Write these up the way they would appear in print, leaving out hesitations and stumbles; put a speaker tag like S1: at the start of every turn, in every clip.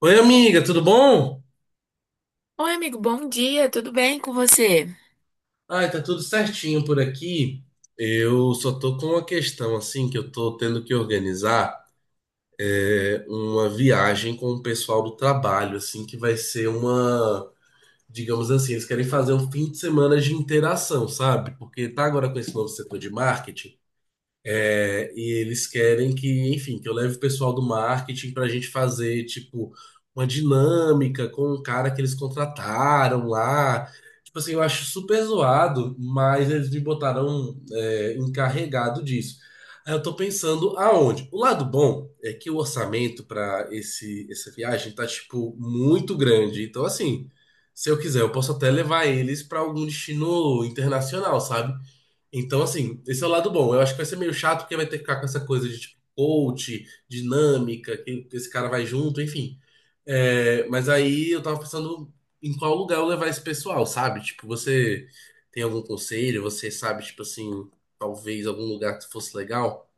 S1: Oi, amiga, tudo bom?
S2: Oi, amigo, bom dia, tudo bem com você?
S1: Ai, tá tudo certinho por aqui. Eu só tô com uma questão, assim, que eu tô tendo que organizar uma viagem com o pessoal do trabalho, assim, que vai ser uma, digamos assim, eles querem fazer um fim de semana de interação, sabe? Porque tá agora com esse novo setor de marketing. É, e eles querem que, enfim, que eu leve o pessoal do marketing para a gente fazer, tipo, uma dinâmica com o cara que eles contrataram lá. Tipo assim, eu acho super zoado, mas eles me botaram, encarregado disso. Aí eu tô pensando aonde? O lado bom é que o orçamento para esse essa viagem tá, tipo, muito grande. Então, assim, se eu quiser, eu posso até levar eles para algum destino internacional, sabe? Então, assim, esse é o lado bom. Eu acho que vai ser meio chato porque vai ter que ficar com essa coisa de tipo coach, dinâmica, que esse cara vai junto, enfim. É, mas aí eu tava pensando em qual lugar eu levar esse pessoal, sabe? Tipo, você tem algum conselho? Você sabe, tipo assim, talvez algum lugar que fosse legal?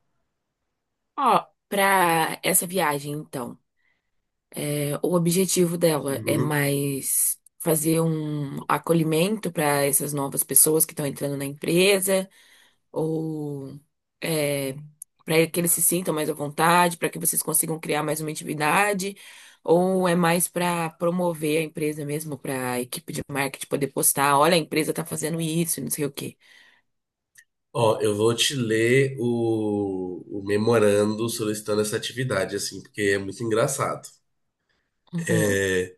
S2: Ó, pra essa viagem, então, o objetivo dela é
S1: Uhum.
S2: mais fazer um acolhimento para essas novas pessoas que estão entrando na empresa, ou é, para que eles se sintam mais à vontade, para que vocês consigam criar mais uma intimidade, ou é mais para promover a empresa mesmo, para a equipe de marketing poder postar, olha, a empresa tá fazendo isso, e não sei o quê.
S1: Ó, eu vou te ler o memorando solicitando essa atividade, assim, porque é muito engraçado.
S2: Uhum.
S1: É,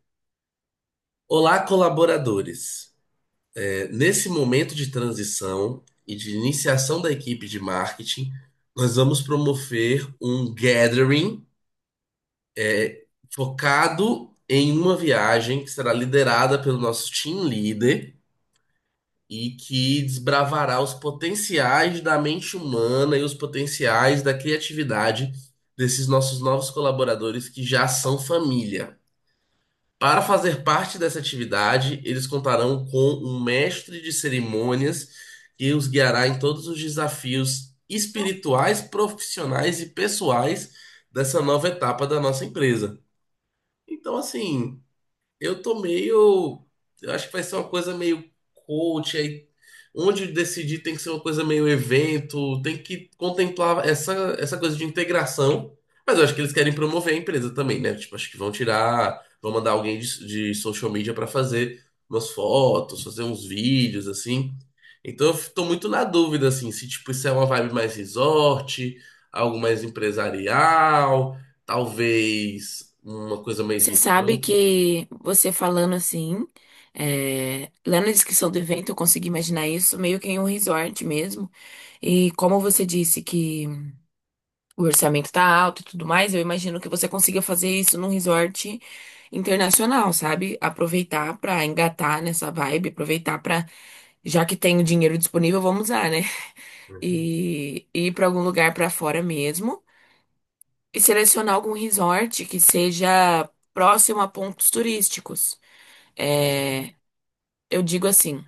S1: Olá, colaboradores. Nesse momento de transição e de iniciação da equipe de marketing, nós vamos promover um gathering focado em uma viagem que será liderada pelo nosso team leader e que desbravará os potenciais da mente humana e os potenciais da criatividade desses nossos novos colaboradores que já são família. Para fazer parte dessa atividade, eles contarão com um mestre de cerimônias que os guiará em todos os desafios espirituais, profissionais e pessoais dessa nova etapa da nossa empresa. Então, assim. Eu tô meio. Eu acho que vai ser uma coisa meio coach aí. Onde decidir tem que ser uma coisa meio evento, tem que contemplar essa, essa coisa de integração. Mas eu acho que eles querem promover a empresa também, né? Tipo, acho que vão tirar, vão mandar alguém de social media pra fazer umas fotos, fazer uns vídeos, assim. Então tô muito na dúvida, assim, se tipo, isso é uma vibe mais resort, algo mais empresarial, talvez uma coisa mais
S2: Você
S1: no
S2: sabe
S1: campo.
S2: que você falando assim, lendo a descrição do evento, eu consegui imaginar isso meio que em um resort mesmo. E como você disse que o orçamento tá alto e tudo mais, eu imagino que você consiga fazer isso num resort internacional, sabe? Aproveitar pra engatar nessa vibe, aproveitar pra, já que tem o dinheiro disponível, vamos usar, né? E ir pra algum lugar pra fora mesmo e selecionar algum resort que seja próximo a pontos turísticos. É, eu digo assim,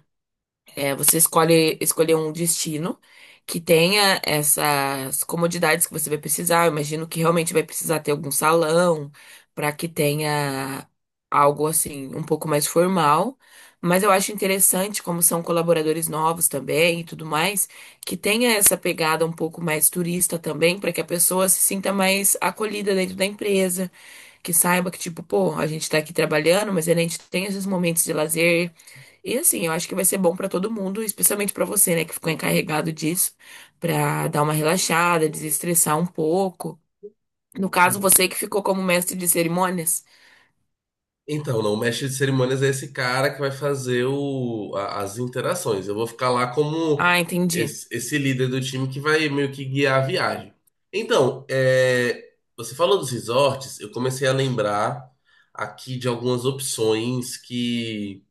S2: você escolher um destino que tenha essas comodidades que você vai precisar. Eu imagino que realmente vai precisar ter algum salão para que tenha algo assim um pouco mais formal. Mas eu acho interessante como são colaboradores novos também e tudo mais, que tenha essa pegada um pouco mais turista também, para que a pessoa se sinta mais acolhida dentro da empresa, que saiba que tipo, pô, a gente tá aqui trabalhando, mas a gente tem esses momentos de lazer e assim, eu acho que vai ser bom pra todo mundo, especialmente pra você, né, que ficou encarregado disso, pra dar uma relaxada, desestressar um pouco. No caso, você que ficou como mestre de cerimônias.
S1: Então, não, o mestre de cerimônias é esse cara que vai fazer as interações. Eu vou ficar lá como
S2: Ah, entendi.
S1: esse líder do time que vai meio que guiar a viagem. Então, é, você falou dos resorts, eu comecei a lembrar aqui de algumas opções que,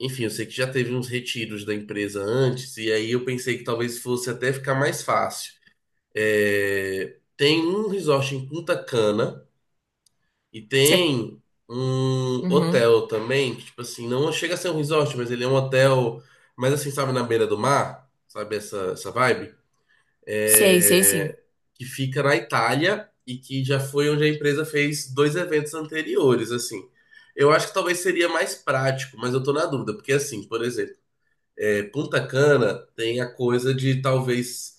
S1: enfim, eu sei que já teve uns retiros da empresa antes, e aí eu pensei que talvez fosse até ficar mais fácil. É, tem um resort em Punta Cana e
S2: Você
S1: tem um
S2: Uhum.
S1: hotel também, que, tipo assim, não chega a ser um resort, mas ele é um hotel, mas assim, sabe, na beira do mar, sabe, essa vibe.
S2: Sei, sei sim.
S1: É, que fica na Itália e que já foi onde a empresa fez dois eventos anteriores, assim. Eu acho que talvez seria mais prático, mas eu tô na dúvida, porque assim, por exemplo, é, Punta Cana tem a coisa de talvez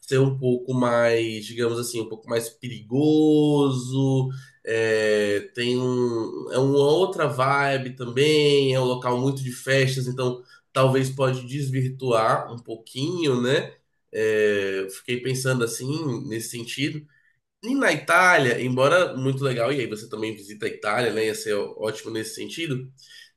S1: ser um pouco mais, digamos assim, um pouco mais perigoso. É, tem um, é uma outra vibe também. É um local muito de festas, então talvez pode desvirtuar um pouquinho, né? É, fiquei pensando assim nesse sentido. E na Itália, embora muito legal, e aí você também visita a Itália, né? Ia ser ótimo nesse sentido.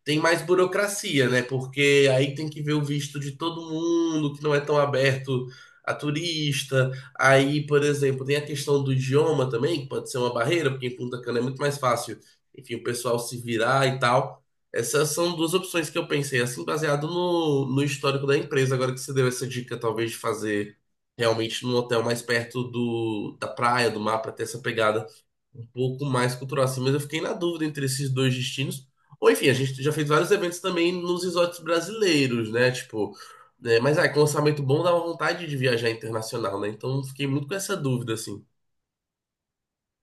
S1: Tem mais burocracia, né? Porque aí tem que ver o visto de todo mundo, que não é tão aberto a turista. Aí, por exemplo, tem a questão do idioma também, que pode ser uma barreira, porque em Punta Cana é muito mais fácil, enfim, o pessoal se virar e tal. Essas são duas opções que eu pensei, assim, baseado no histórico da empresa. Agora que você deu essa dica, talvez, de fazer realmente num hotel mais perto da praia, do mar, para ter essa pegada um pouco mais cultural assim, mas eu fiquei na dúvida entre esses dois destinos. Ou enfim, a gente já fez vários eventos também nos resorts brasileiros, né? Tipo, né, mas aí com orçamento bom dá uma vontade de viajar internacional, né? Então fiquei muito com essa dúvida, assim.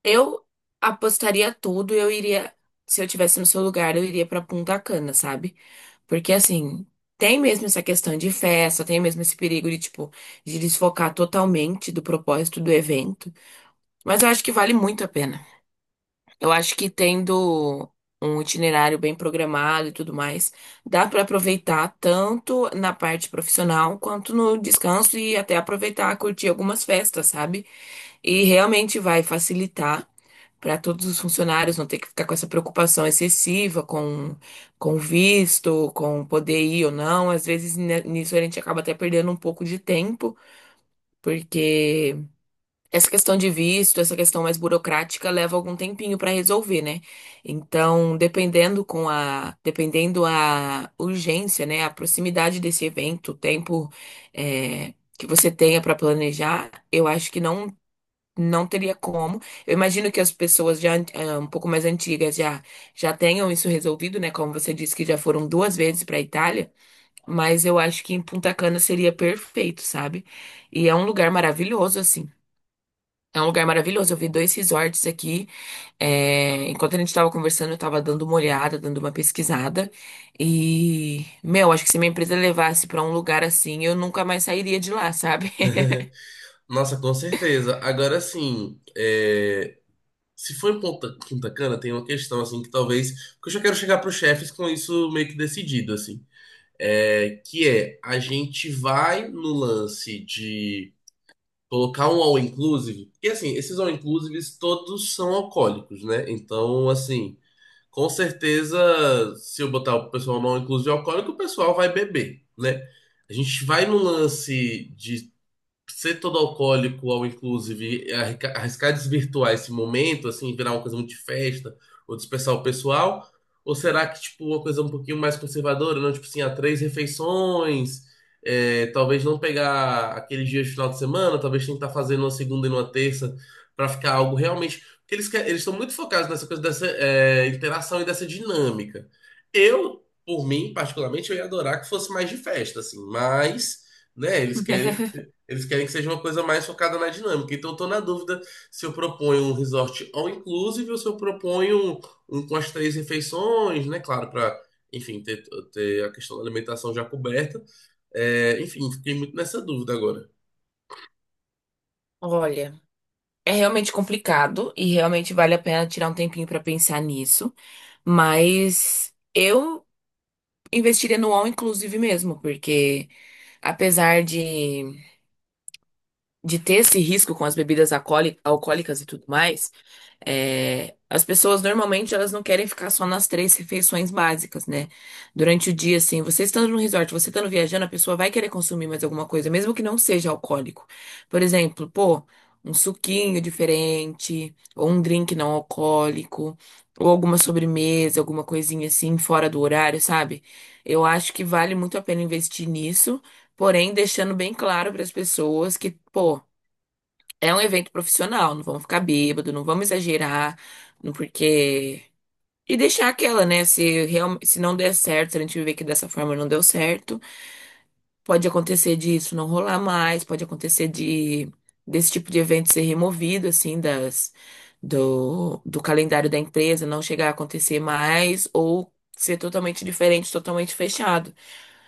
S2: Eu apostaria tudo, eu iria, se eu tivesse no seu lugar, eu iria pra Punta Cana, sabe? Porque assim, tem mesmo essa questão de festa, tem mesmo esse perigo de tipo de desfocar totalmente do propósito do evento, mas eu acho que vale muito a pena. Eu acho que tendo um itinerário bem programado e tudo mais, dá para aproveitar tanto na parte profissional quanto no descanso e até aproveitar, curtir algumas festas, sabe? E realmente vai facilitar para todos os funcionários não ter que ficar com essa preocupação excessiva com visto, com poder ir ou não. Às vezes né, nisso a gente acaba até perdendo um pouco de tempo, porque essa questão de visto, essa questão mais burocrática leva algum tempinho para resolver, né? Então, dependendo a urgência, né, a proximidade desse evento, o tempo que você tenha para planejar, eu acho que não teria como. Eu imagino que as pessoas já um pouco mais antigas já tenham isso resolvido, né? Como você disse que já foram duas vezes para a Itália, mas eu acho que em Punta Cana seria perfeito, sabe? E é um lugar maravilhoso assim. É um lugar maravilhoso. Eu vi dois resorts aqui. É, enquanto a gente estava conversando, eu estava dando uma olhada, dando uma pesquisada. E, meu, acho que se minha empresa levasse para um lugar assim, eu nunca mais sairia de lá, sabe?
S1: Nossa, com certeza. Agora sim, é, se for em Punta Cana, tem uma questão assim que talvez. Porque eu já quero chegar para os chefes com isso meio que decidido, assim. É, que é, a gente vai no lance de colocar um all inclusive, porque assim, esses all inclusives todos são alcoólicos, né? Então, assim, com certeza, se eu botar o pessoal no all inclusive alcoólico, o pessoal vai beber, né? A gente vai no lance de ser todo alcoólico ao inclusive é arriscar desvirtuar esse momento, assim, virar uma coisa muito de festa ou dispersar o pessoal? Ou será que, tipo, uma coisa um pouquinho mais conservadora, não? Tipo assim, há três refeições, é, talvez não pegar aqueles dias de final de semana, talvez tentar fazer numa segunda e numa terça para ficar algo realmente... Porque eles, eles estão muito focados nessa coisa dessa interação e dessa dinâmica. Eu, por mim, particularmente, eu ia adorar que fosse mais de festa, assim, mas né? Eles querem que seja uma coisa mais focada na dinâmica. Então, eu tô na dúvida se eu proponho um resort all inclusive ou se eu proponho um com as três refeições, né? Claro, para, enfim, ter, ter a questão da alimentação já coberta. É, enfim, fiquei muito nessa dúvida agora.
S2: Olha, é realmente complicado e realmente vale a pena tirar um tempinho para pensar nisso, mas eu investiria no all inclusive mesmo, porque apesar de, de ter esse risco com as bebidas alcoólicas e tudo mais. É, as pessoas normalmente elas não querem ficar só nas três refeições básicas, né? Durante o dia, assim, você estando no resort, você estando viajando, a pessoa vai querer consumir mais alguma coisa, mesmo que não seja alcoólico. Por exemplo, pô, um suquinho diferente, ou um drink não alcoólico, ou alguma sobremesa, alguma coisinha assim, fora do horário, sabe? Eu acho que vale muito a pena investir nisso, porém deixando bem claro para as pessoas que, pô, é um evento profissional, não vamos ficar bêbado, não vamos exagerar, não porque. E deixar aquela, né? Se não der certo, se a gente ver que dessa forma não deu certo, pode acontecer disso não rolar mais, pode acontecer de desse tipo de evento ser removido, assim, das do do calendário da empresa, não chegar a acontecer mais, ou ser totalmente diferente, totalmente fechado.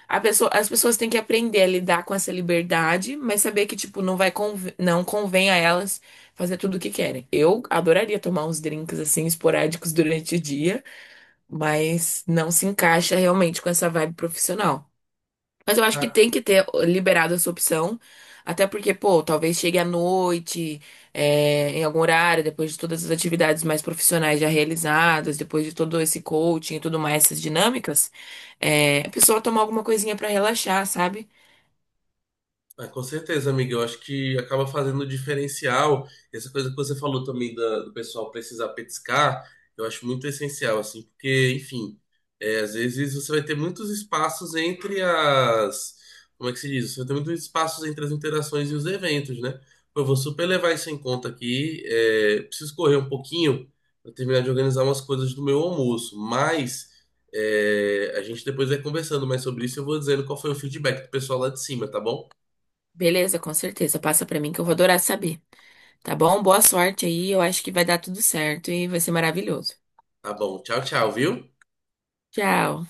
S2: As pessoas têm que aprender a lidar com essa liberdade, mas saber que, tipo, não convém a elas fazer tudo o que querem. Eu adoraria tomar uns drinks, assim, esporádicos durante o dia, mas não se encaixa realmente com essa vibe profissional. Mas eu acho que tem que ter liberado essa opção. Até porque, pô, talvez chegue à noite, em algum horário, depois de todas as atividades mais profissionais já realizadas, depois de todo esse coaching e tudo mais, essas dinâmicas, a pessoa tomar alguma coisinha pra relaxar, sabe?
S1: Ah, com certeza, amiga. Eu acho que acaba fazendo o diferencial. Essa coisa que você falou também do pessoal precisar petiscar, eu acho muito essencial, assim, porque, enfim, é, às vezes você vai ter muitos espaços entre as. Como é que se diz? Você vai ter muitos espaços entre as interações e os eventos, né? Pô, eu vou super levar isso em conta aqui. É, preciso correr um pouquinho para terminar de organizar umas coisas do meu almoço, mas. É, a gente depois vai conversando mais sobre isso. E eu vou dizendo qual foi o feedback do pessoal lá de cima, tá bom?
S2: Beleza, com certeza. Passa pra mim que eu vou adorar saber. Tá bom? Boa sorte aí. Eu acho que vai dar tudo certo e vai ser maravilhoso.
S1: Tá bom. Tchau, tchau, viu?
S2: Tchau.